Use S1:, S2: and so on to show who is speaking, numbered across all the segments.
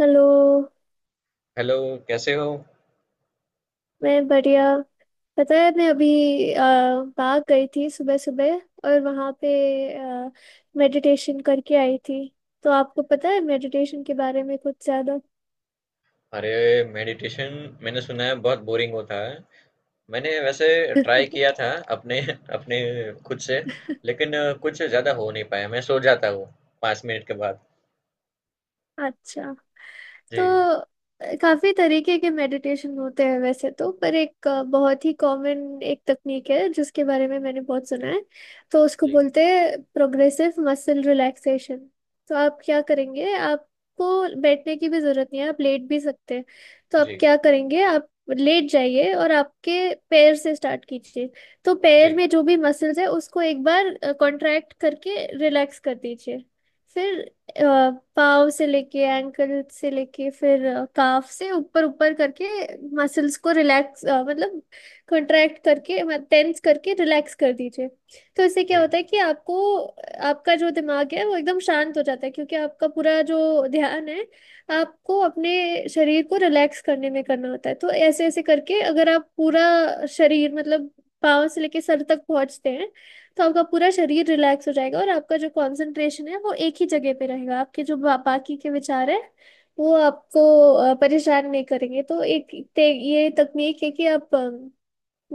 S1: Hello.
S2: Hello. कैसे हो?
S1: मैं बढ़िया। पता है मैं अभी अ, बाग गई थी सुबह सुबह और वहाँ पे मेडिटेशन करके आई थी। तो आपको पता है मेडिटेशन के बारे में कुछ ज़्यादा?
S2: अरे, मेडिटेशन। मैंने सुना है बहुत बोरिंग होता है। मैंने वैसे ट्राई किया था अपने अपने खुद से। लेकिन कुछ ज़्यादा हो नहीं पाया, मैं सो जाता हूँ पाँच मिनट के बाद।
S1: अच्छा। तो
S2: जी,
S1: काफी तरीके के मेडिटेशन होते हैं वैसे तो, पर एक बहुत ही कॉमन एक तकनीक है जिसके बारे में मैंने बहुत सुना है। तो उसको
S2: जी,
S1: बोलते हैं प्रोग्रेसिव मसल रिलैक्सेशन। तो आप क्या करेंगे, आपको बैठने की भी जरूरत नहीं है, आप लेट भी सकते हैं। तो
S2: जी,
S1: आप क्या करेंगे, आप लेट जाइए और आपके पैर से स्टार्ट कीजिए। तो पैर
S2: जी,
S1: में जो भी मसल्स है उसको एक बार कॉन्ट्रैक्ट करके रिलैक्स कर दीजिए। फिर अ, पाँव से लेके एंकल से लेके फिर काफ से ऊपर ऊपर करके मसल्स को रिलैक्स मतलब कंट्रैक्ट करके टेंस करके रिलैक्स कर दीजिए। तो इससे क्या
S2: जी,
S1: होता है कि आपको आपका जो दिमाग है वो एकदम शांत हो जाता है, क्योंकि आपका पूरा जो ध्यान है आपको अपने शरीर को रिलैक्स करने में करना होता है। तो ऐसे ऐसे करके अगर आप पूरा शरीर मतलब पाँव से लेके सर तक पहुंचते हैं तो आपका पूरा शरीर रिलैक्स हो जाएगा और आपका जो कंसंट्रेशन है वो एक ही जगह पे रहेगा। आपके जो बाकी के विचार है वो आपको परेशान नहीं करेंगे। तो एक ये तकनीक है कि आप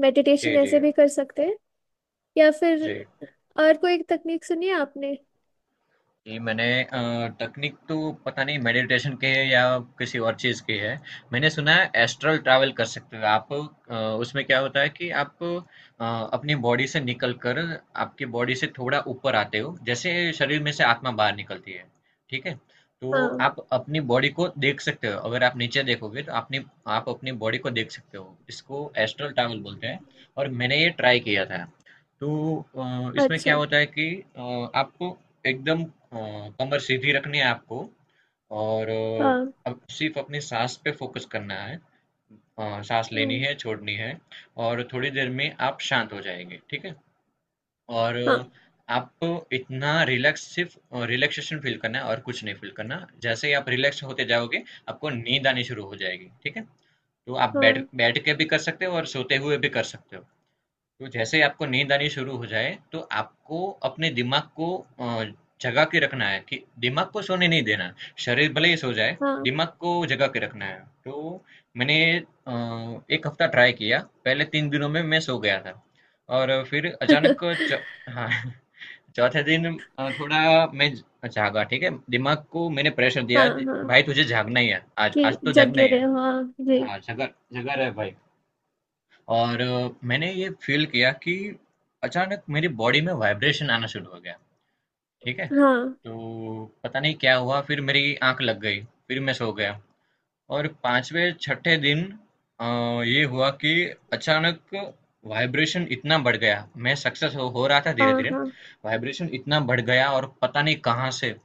S1: मेडिटेशन
S2: जी, जी,
S1: ऐसे भी कर सकते हैं, या फिर
S2: जी।
S1: और कोई एक तकनीक सुनी है आपने?
S2: जी, मैंने तकनीक तो पता नहीं मेडिटेशन की है या किसी और चीज की है। मैंने सुना है एस्ट्रल ट्रैवल कर सकते हो आप। अ, उसमें क्या होता है कि आप अपनी बॉडी से निकल कर आपकी बॉडी से थोड़ा ऊपर आते हो जैसे शरीर में से आत्मा बाहर निकलती है। ठीक है। तो
S1: हाँ।
S2: आप अपनी बॉडी को देख सकते हो, अगर आप नीचे देखोगे तो आपने आप अपनी बॉडी को देख सकते हो, इसको एस्ट्रल ट्रैवल बोलते हैं। और मैंने ये ट्राई किया था। तो इसमें क्या
S1: अच्छा।
S2: होता है कि आपको एकदम कमर सीधी रखनी है आपको। और
S1: हाँ।
S2: अब सिर्फ अपनी सांस पे फोकस करना है। सांस लेनी
S1: हम्म।
S2: है, छोड़नी है। और थोड़ी देर में आप शांत हो जाएंगे, ठीक है। और
S1: हाँ।
S2: आपको इतना रिलैक्स, सिर्फ रिलैक्सेशन फील करना है और कुछ नहीं फील करना। जैसे ही आप रिलैक्स होते जाओगे आपको नींद आनी शुरू हो जाएगी, ठीक है। तो आप बैठ
S1: हाँ
S2: बैठ के भी कर सकते हो और सोते हुए भी कर सकते हो। तो जैसे ही आपको नींद आनी शुरू हो जाए तो आपको अपने दिमाग को अ, जगा के रखना है कि दिमाग को सोने नहीं देना। शरीर भले ही सो जाए,
S1: हाँ।
S2: दिमाग को जगा के रखना है। तो मैंने एक हफ्ता ट्राई किया। पहले तीन दिनों में मैं सो गया था और फिर अचानक हाँ, चौथे दिन थोड़ा मैं जागा, ठीक है। दिमाग को मैंने प्रेशर
S1: हाँ।
S2: दिया,
S1: हाँ
S2: भाई तुझे जागना ही है, आज आज
S1: कि
S2: तो जागना
S1: जगे
S2: ही है।
S1: रहे हो। हाँ जी।
S2: हाँ, जगा, जगा रहे भाई। और मैंने ये फील किया कि अचानक मेरी बॉडी में वाइब्रेशन आना शुरू हो गया, ठीक है।
S1: हाँ
S2: तो पता नहीं क्या हुआ, फिर मेरी आंख लग गई, फिर मैं सो गया। और पाँचवें छठे दिन अ, ये हुआ कि अचानक वाइब्रेशन इतना बढ़ गया, मैं सक्सेस हो रहा था धीरे
S1: हाँ
S2: धीरे।
S1: हाँ।
S2: वाइब्रेशन इतना बढ़ गया और पता नहीं कहाँ से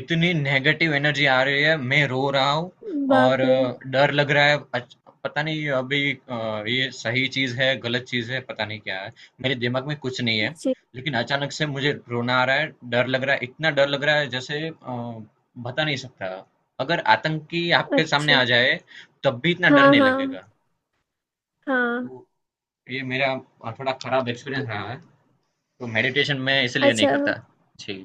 S2: इतनी नेगेटिव एनर्जी आ रही है, मैं रो रहा हूँ। और
S1: बाप रे।
S2: डर लग रहा है, पता नहीं अभी ये सही चीज़ है, गलत चीज़ है, पता नहीं क्या है। मेरे दिमाग में कुछ नहीं है,
S1: जी।
S2: लेकिन अचानक से मुझे रोना आ रहा है, डर लग रहा है, इतना डर लग रहा है जैसे बता नहीं सकता। अगर आतंकी आपके सामने
S1: अच्छा।
S2: आ जाए, तब भी इतना डर
S1: हाँ
S2: नहीं
S1: हाँ
S2: लगेगा।
S1: हाँ।
S2: तो ये मेरा थोड़ा खराब एक्सपीरियंस रहा है। तो मेडिटेशन मैं इसलिए नहीं
S1: अच्छा।
S2: करता। जी,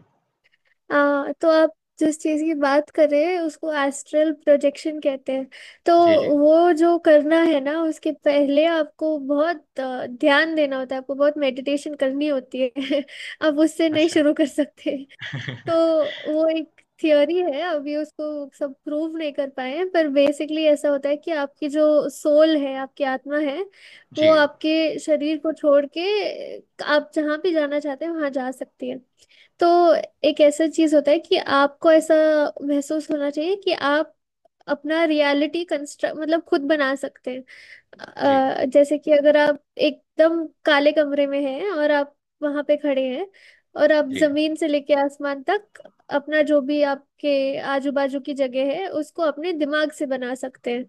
S1: तो आप जिस चीज की बात कर रहे हैं उसको एस्ट्रल प्रोजेक्शन कहते हैं। तो
S2: जी, जी।
S1: वो जो करना है ना उसके पहले आपको बहुत ध्यान देना होता है, आपको बहुत मेडिटेशन करनी होती है। आप उससे नहीं
S2: अच्छा।
S1: शुरू कर सकते। तो वो एक थियोरी है, अभी उसको सब प्रूव नहीं कर पाए हैं, पर बेसिकली ऐसा होता है कि आपकी जो सोल है आपकी आत्मा है वो
S2: जी,
S1: आपके शरीर को छोड़ के आप जहाँ भी जाना चाहते हैं वहां जा सकती है। तो एक ऐसा चीज होता है कि आपको ऐसा महसूस होना चाहिए कि आप अपना रियलिटी कंस्ट्रक्ट मतलब खुद बना सकते हैं।
S2: जी,
S1: जैसे कि अगर आप एकदम काले कमरे में हैं और आप वहां पे खड़े हैं और आप
S2: जी,
S1: जमीन से लेके आसमान तक अपना जो भी आपके आजू बाजू की जगह है उसको अपने दिमाग से बना सकते हैं।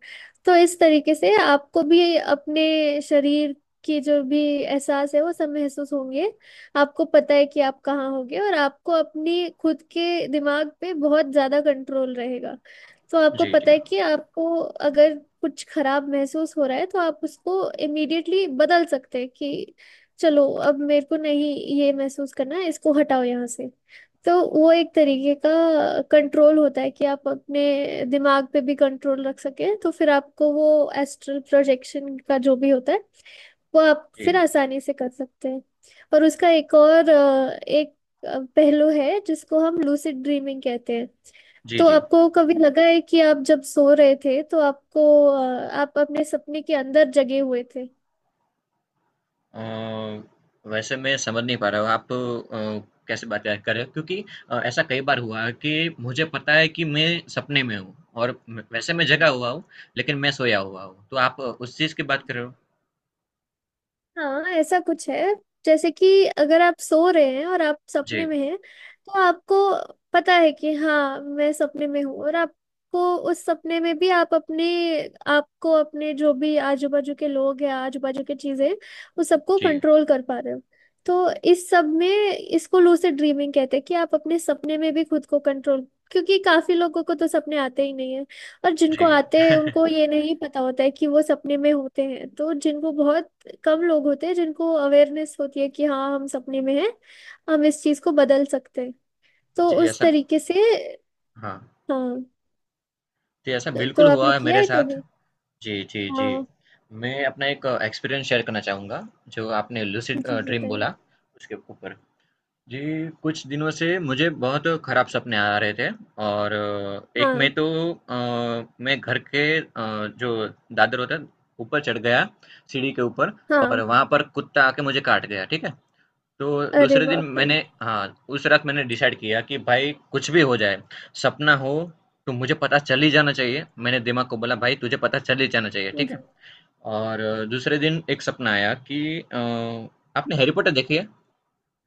S1: तो इस तरीके से आपको भी अपने शरीर की जो भी एहसास है वो सब महसूस होंगे। आपको पता है कि आप कहाँ होगे और आपको अपनी खुद के दिमाग पे बहुत ज्यादा कंट्रोल रहेगा। तो आपको
S2: जी,
S1: पता
S2: जी,
S1: है कि आपको अगर कुछ खराब महसूस हो रहा है तो आप उसको इमीडिएटली बदल सकते हैं कि चलो अब मेरे को नहीं ये महसूस करना है इसको हटाओ यहाँ से। तो वो एक तरीके का कंट्रोल होता है कि आप अपने दिमाग पे भी कंट्रोल रख सकें, तो फिर आपको वो एस्ट्रल प्रोजेक्शन का जो भी होता है वो आप
S2: जी,
S1: फिर आसानी से कर सकते हैं। और उसका एक और पहलू है जिसको हम लूसिड ड्रीमिंग कहते हैं।
S2: जी,
S1: तो
S2: जी।
S1: आपको कभी लगा है कि आप जब सो रहे थे तो आपको आप अपने सपने के अंदर जगे हुए थे?
S2: अ, वैसे मैं समझ नहीं पा रहा हूँ, आप कैसे बातें कर रहे हो? क्योंकि ऐसा कई बार हुआ है कि मुझे पता है कि मैं सपने में हूँ और वैसे मैं जगा हुआ हूँ, लेकिन मैं सोया हुआ हूँ। तो आप उस चीज़ की बात कर रहे हो?
S1: हाँ ऐसा कुछ है। जैसे कि अगर आप सो रहे हैं और आप सपने
S2: जी,
S1: में हैं तो आपको पता है कि हाँ मैं सपने में हूँ और आपको उस सपने में भी आप अपने आपको अपने जो भी आजू बाजू के लोग हैं आजू बाजू की चीजें उस सबको
S2: जी,
S1: कंट्रोल कर पा रहे हो। तो इस सब में इसको लूसिड ड्रीमिंग कहते हैं कि आप अपने सपने में भी खुद को कंट्रोल, क्योंकि काफी लोगों को तो सपने आते ही नहीं है और
S2: जी।
S1: जिनको आते हैं उनको ये नहीं पता होता है कि वो सपने में होते हैं। तो जिनको बहुत कम लोग होते हैं जिनको अवेयरनेस होती है कि हाँ हम सपने में हैं, हम इस चीज को बदल सकते हैं। तो
S2: जी,
S1: उस
S2: ऐसा,
S1: तरीके से।
S2: हाँ,
S1: हाँ।
S2: जी ऐसा बिल्कुल
S1: तो
S2: हुआ
S1: आपने
S2: है
S1: किया
S2: मेरे
S1: है
S2: साथ।
S1: कभी?
S2: जी, जी, जी।
S1: हाँ।
S2: मैं अपना एक एक्सपीरियंस शेयर करना चाहूँगा, जो आपने लूसिड
S1: जी
S2: ड्रीम बोला,
S1: बताइए।
S2: उसके ऊपर। जी, कुछ दिनों से मुझे बहुत खराब सपने आ रहे थे और एक में
S1: हाँ
S2: तो अ, मैं घर के जो दादर होता है, ऊपर चढ़ गया, सीढ़ी के ऊपर, और
S1: हाँ।
S2: वहाँ पर कुत्ता आके मुझे काट गया, ठीक है? तो
S1: अरे
S2: दूसरे दिन
S1: बाप रे।
S2: मैंने, हाँ, उस रात मैंने डिसाइड किया कि भाई कुछ भी हो जाए, सपना हो तो मुझे पता चल ही जाना चाहिए। मैंने दिमाग को बोला, भाई तुझे पता चल ही जाना चाहिए, ठीक
S1: जी।
S2: है? और दूसरे दिन एक सपना आया कि आपने हैरी पॉटर देखी है?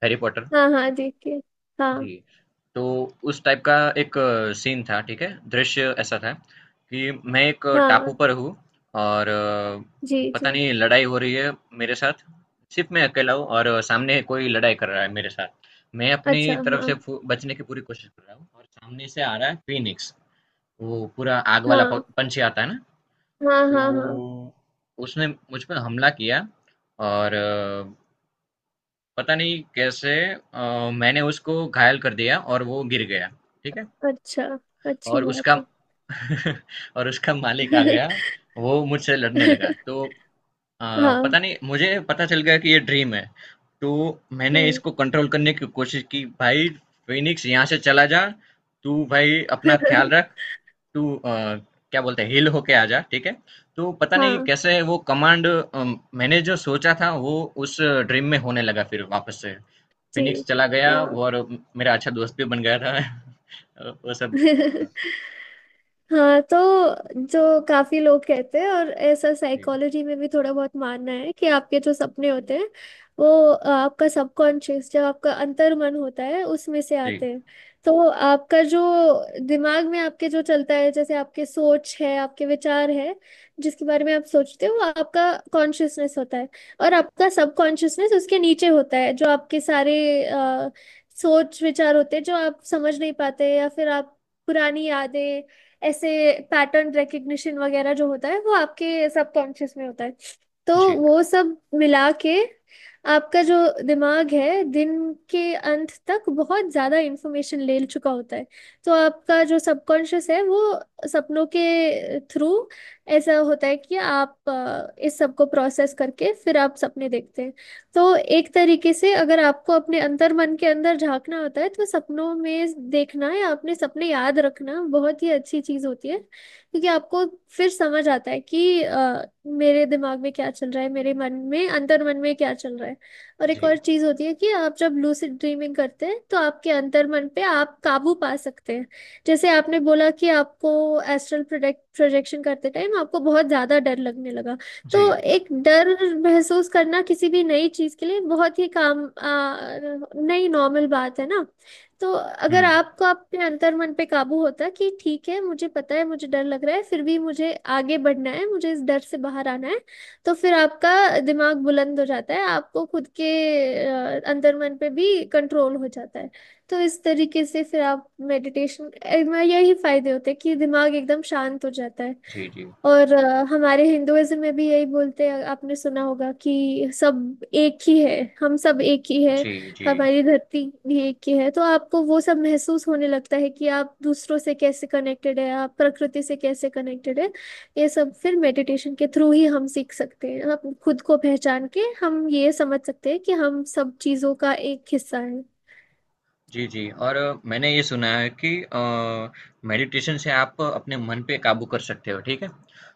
S2: Harry Potter.
S1: हाँ हाँ देखिए। हाँ।
S2: जी, तो उस टाइप का एक सीन था, ठीक है? दृश्य ऐसा था कि मैं एक टापू
S1: हाँ।
S2: पर हूँ और
S1: जी
S2: पता
S1: जी।
S2: नहीं लड़ाई हो रही है मेरे साथ। सिर्फ मैं अकेला हूँ और सामने कोई लड़ाई कर रहा है मेरे साथ। मैं
S1: अच्छा
S2: अपनी तरफ से
S1: हाँ।
S2: बचने की पूरी कोशिश कर रहा हूँ और सामने से आ रहा है फीनिक्स। वो पूरा आग वाला
S1: हाँ
S2: पंछी आता है ना,
S1: हाँ। हाँ हाँ।
S2: तो उसने मुझ पर हमला किया और पता नहीं कैसे मैंने उसको घायल कर दिया और वो गिर गया, ठीक है।
S1: अच्छा। अच्छी
S2: और
S1: बात
S2: उसका
S1: है।
S2: और उसका मालिक आ गया, वो मुझसे लड़ने लगा तो अ,
S1: हाँ।
S2: पता नहीं मुझे पता चल गया कि ये ड्रीम है। तो मैंने
S1: हम्म।
S2: इसको कंट्रोल करने की कोशिश की, भाई फिनिक्स यहाँ से चला जा, तू भाई अपना ख्याल रख। तू क्या बोलते हैं, हिल होके आ जा, ठीक है। तो पता नहीं
S1: हाँ।
S2: कैसे वो कमांड, मैंने जो सोचा था वो उस ड्रीम में होने लगा फिर वापस से।
S1: जी।
S2: फ़िनिक्स चला गया
S1: हाँ।
S2: और मेरा अच्छा दोस्त भी बन गया था। वो सब।
S1: हाँ। तो जो काफी लोग कहते हैं और ऐसा
S2: जी,
S1: साइकोलॉजी में भी थोड़ा बहुत मानना है कि आपके जो सपने होते हैं वो आपका सबकॉन्शियस जब आपका अंतर्मन होता है उसमें से
S2: जी,
S1: आते हैं। तो आपका जो दिमाग में आपके जो चलता है जैसे आपके सोच है आपके विचार है जिसके बारे में आप सोचते हो वो आपका कॉन्शियसनेस होता है। और आपका सबकॉन्शियसनेस उसके नीचे होता है जो आपके सारे सोच विचार होते हैं जो आप समझ नहीं पाते या फिर आप पुरानी यादें ऐसे पैटर्न रिकग्निशन वगैरह जो होता है वो आपके सबकॉन्शियस में होता है। तो
S2: जी,
S1: वो सब मिला के आपका जो दिमाग है दिन के अंत तक बहुत ज़्यादा इंफॉर्मेशन ले चुका होता है। तो आपका जो सबकॉन्शियस है वो सपनों के थ्रू ऐसा होता है कि आप इस सब को प्रोसेस करके फिर आप सपने देखते हैं। तो एक तरीके से अगर आपको अपने अंतर मन के अंदर झांकना होता है तो सपनों में देखना या अपने सपने याद रखना बहुत ही अच्छी चीज होती है, क्योंकि आपको फिर समझ आता है कि मेरे दिमाग में क्या चल रहा है मेरे मन में अंतर मन में क्या चल रहा है। और एक
S2: जी,
S1: और चीज होती है कि आप जब लूसिड ड्रीमिंग करते हैं तो आपके अंतर मन पे आप काबू पा सकते हैं। जैसे आपने बोला कि आपको एस्ट्रल प्रोजेक्शन करते टाइम आपको बहुत ज्यादा डर लगने लगा।
S2: जी।
S1: तो एक डर महसूस करना किसी भी नई चीज के लिए बहुत ही नई नॉर्मल बात है ना। तो
S2: हुँ।
S1: अगर आपको आपके अंतर मन पे काबू होता कि ठीक है मुझे पता है मुझे डर लग रहा है फिर भी मुझे आगे बढ़ना है मुझे इस डर से बाहर आना है, तो फिर आपका दिमाग बुलंद हो जाता है, आपको खुद के अंतर मन पे भी कंट्रोल हो जाता है। तो इस तरीके से फिर आप मेडिटेशन में यही फायदे होते हैं कि दिमाग एकदम शांत हो जाता है।
S2: जी, जी।
S1: और हमारे हिंदुइज्म में भी यही बोलते हैं आपने सुना होगा कि सब एक ही है, हम सब एक ही है,
S2: जी, जी।
S1: हमारी धरती भी एक ही है। तो आपको वो सब महसूस होने लगता है कि आप दूसरों से कैसे कनेक्टेड है आप प्रकृति से कैसे कनेक्टेड है। ये सब फिर मेडिटेशन के थ्रू ही हम सीख सकते हैं, हम खुद को पहचान के हम ये समझ सकते हैं कि हम सब चीजों का एक हिस्सा है।
S2: जी, जी। और मैंने ये सुना है कि मेडिटेशन से आप अपने मन पे काबू कर सकते हो, ठीक है?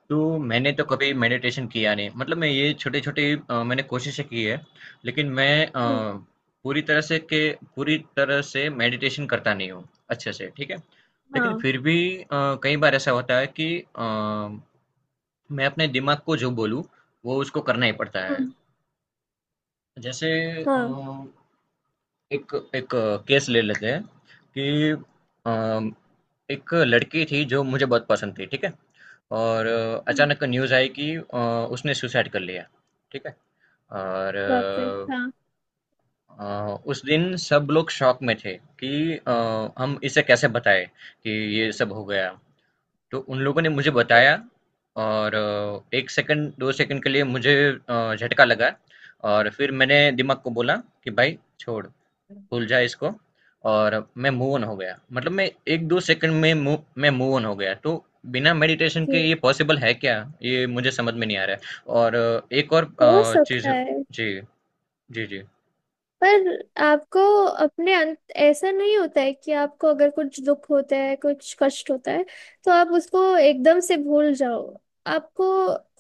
S2: तो मैंने तो कभी मेडिटेशन किया नहीं। मतलब मैं ये छोटी-छोटी मैंने कोशिशें की है, लेकिन मैं
S1: हम्म।
S2: पूरी तरह से के पूरी तरह से मेडिटेशन करता नहीं हूँ अच्छे से, ठीक है? लेकिन
S1: हाँ।
S2: फिर भी कई बार ऐसा होता है कि अ, मैं अपने दिमाग को जो बोलूँ, वो उसको करना ही पड़ता है।
S1: हम्म।
S2: जैसे अ,
S1: हाँ।
S2: एक एक केस ले लेते हैं कि अ, एक लड़की थी जो मुझे बहुत पसंद थी, ठीक है? और
S1: हम्म।
S2: अचानक न्यूज़ आई कि उसने सुसाइड कर लिया, ठीक है? और
S1: बाप रे। हाँ।
S2: उस दिन सब लोग शॉक में थे कि अ, हम इसे कैसे बताएँ कि ये सब हो गया। तो उन लोगों ने मुझे
S1: जी
S2: बताया और 1 सेकंड 2 सेकंड के लिए मुझे झटका लगा और फिर मैंने दिमाग को बोला कि भाई छोड़, भूल जा इसको, और मैं मूव ऑन हो गया। मतलब मैं 1-2 सेकंड में मूव ऑन हो गया। तो बिना मेडिटेशन
S1: जी,
S2: के ये पॉसिबल है क्या? ये मुझे समझ में नहीं आ रहा है। और एक और
S1: हो
S2: चीज़,
S1: सकता है।
S2: जी, जी, जी,
S1: पर आपको अपने अंत, ऐसा नहीं होता है कि आपको अगर कुछ दुख होता है कुछ कष्ट होता है तो आप उसको एकदम से भूल जाओ। आपको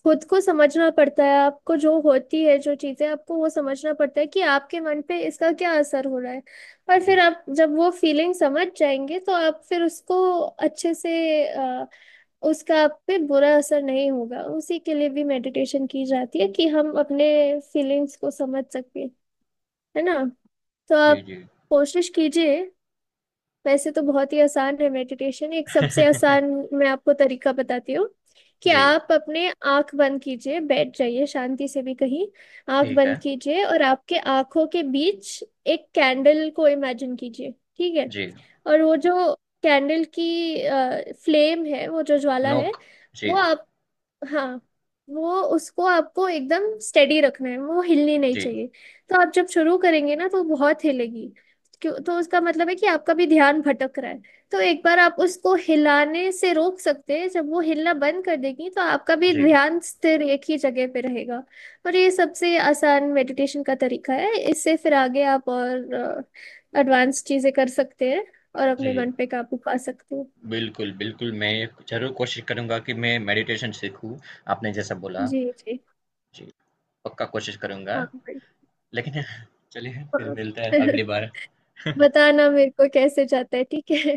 S1: खुद को समझना पड़ता है आपको जो होती है जो चीजें आपको वो समझना पड़ता है कि आपके मन पे इसका क्या असर हो रहा है। और फिर
S2: जी,
S1: आप जब वो फीलिंग समझ जाएंगे तो आप फिर उसको अच्छे से उसका आप पे बुरा असर नहीं होगा। उसी के लिए भी मेडिटेशन की जाती है कि हम अपने फीलिंग्स को समझ सके, है ना। तो
S2: जी,
S1: आप
S2: जी।
S1: कोशिश कीजिए। वैसे तो बहुत ही आसान है मेडिटेशन, एक सबसे आसान मैं आपको तरीका बताती हूँ कि
S2: जी,
S1: आप अपने आंख बंद कीजिए बैठ जाइए शांति से भी कहीं। आंख
S2: ठीक
S1: बंद
S2: है।
S1: कीजिए और आपके आंखों के बीच एक कैंडल को इमेजिन कीजिए। ठीक है।
S2: जी,
S1: और वो जो कैंडल की फ्लेम है वो जो ज्वाला है
S2: नोक। जी,
S1: वो आप, हाँ, वो उसको आपको एकदम स्टेडी रखना है वो हिलनी नहीं
S2: जी,
S1: चाहिए। तो आप जब शुरू करेंगे ना तो बहुत हिलेगी। क्यों, तो उसका मतलब है कि आपका भी ध्यान भटक रहा है। तो एक बार आप उसको हिलाने से रोक सकते हैं, जब वो हिलना बंद कर देगी तो आपका भी
S2: जी,
S1: ध्यान स्थिर एक ही जगह पे रहेगा। और ये सबसे आसान मेडिटेशन का तरीका है, इससे फिर आगे आप और एडवांस चीजें कर सकते हैं और अपने
S2: जी।
S1: मन पे काबू पा सकते हैं।
S2: बिल्कुल, बिल्कुल, मैं ज़रूर कोशिश करूँगा कि मैं मेडिटेशन सीखूँ, आपने जैसा बोला।
S1: जी जी।
S2: जी, पक्का कोशिश करूँगा।
S1: हाँ
S2: लेकिन चलिए फिर
S1: हाँ।
S2: मिलते हैं अगली बार।
S1: बताना मेरे को कैसे जाता है, ठीक है।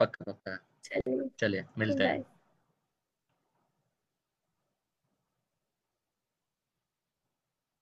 S2: पक्का, पक्का।
S1: चलो।
S2: चलिए, मिलते हैं।
S1: बाय।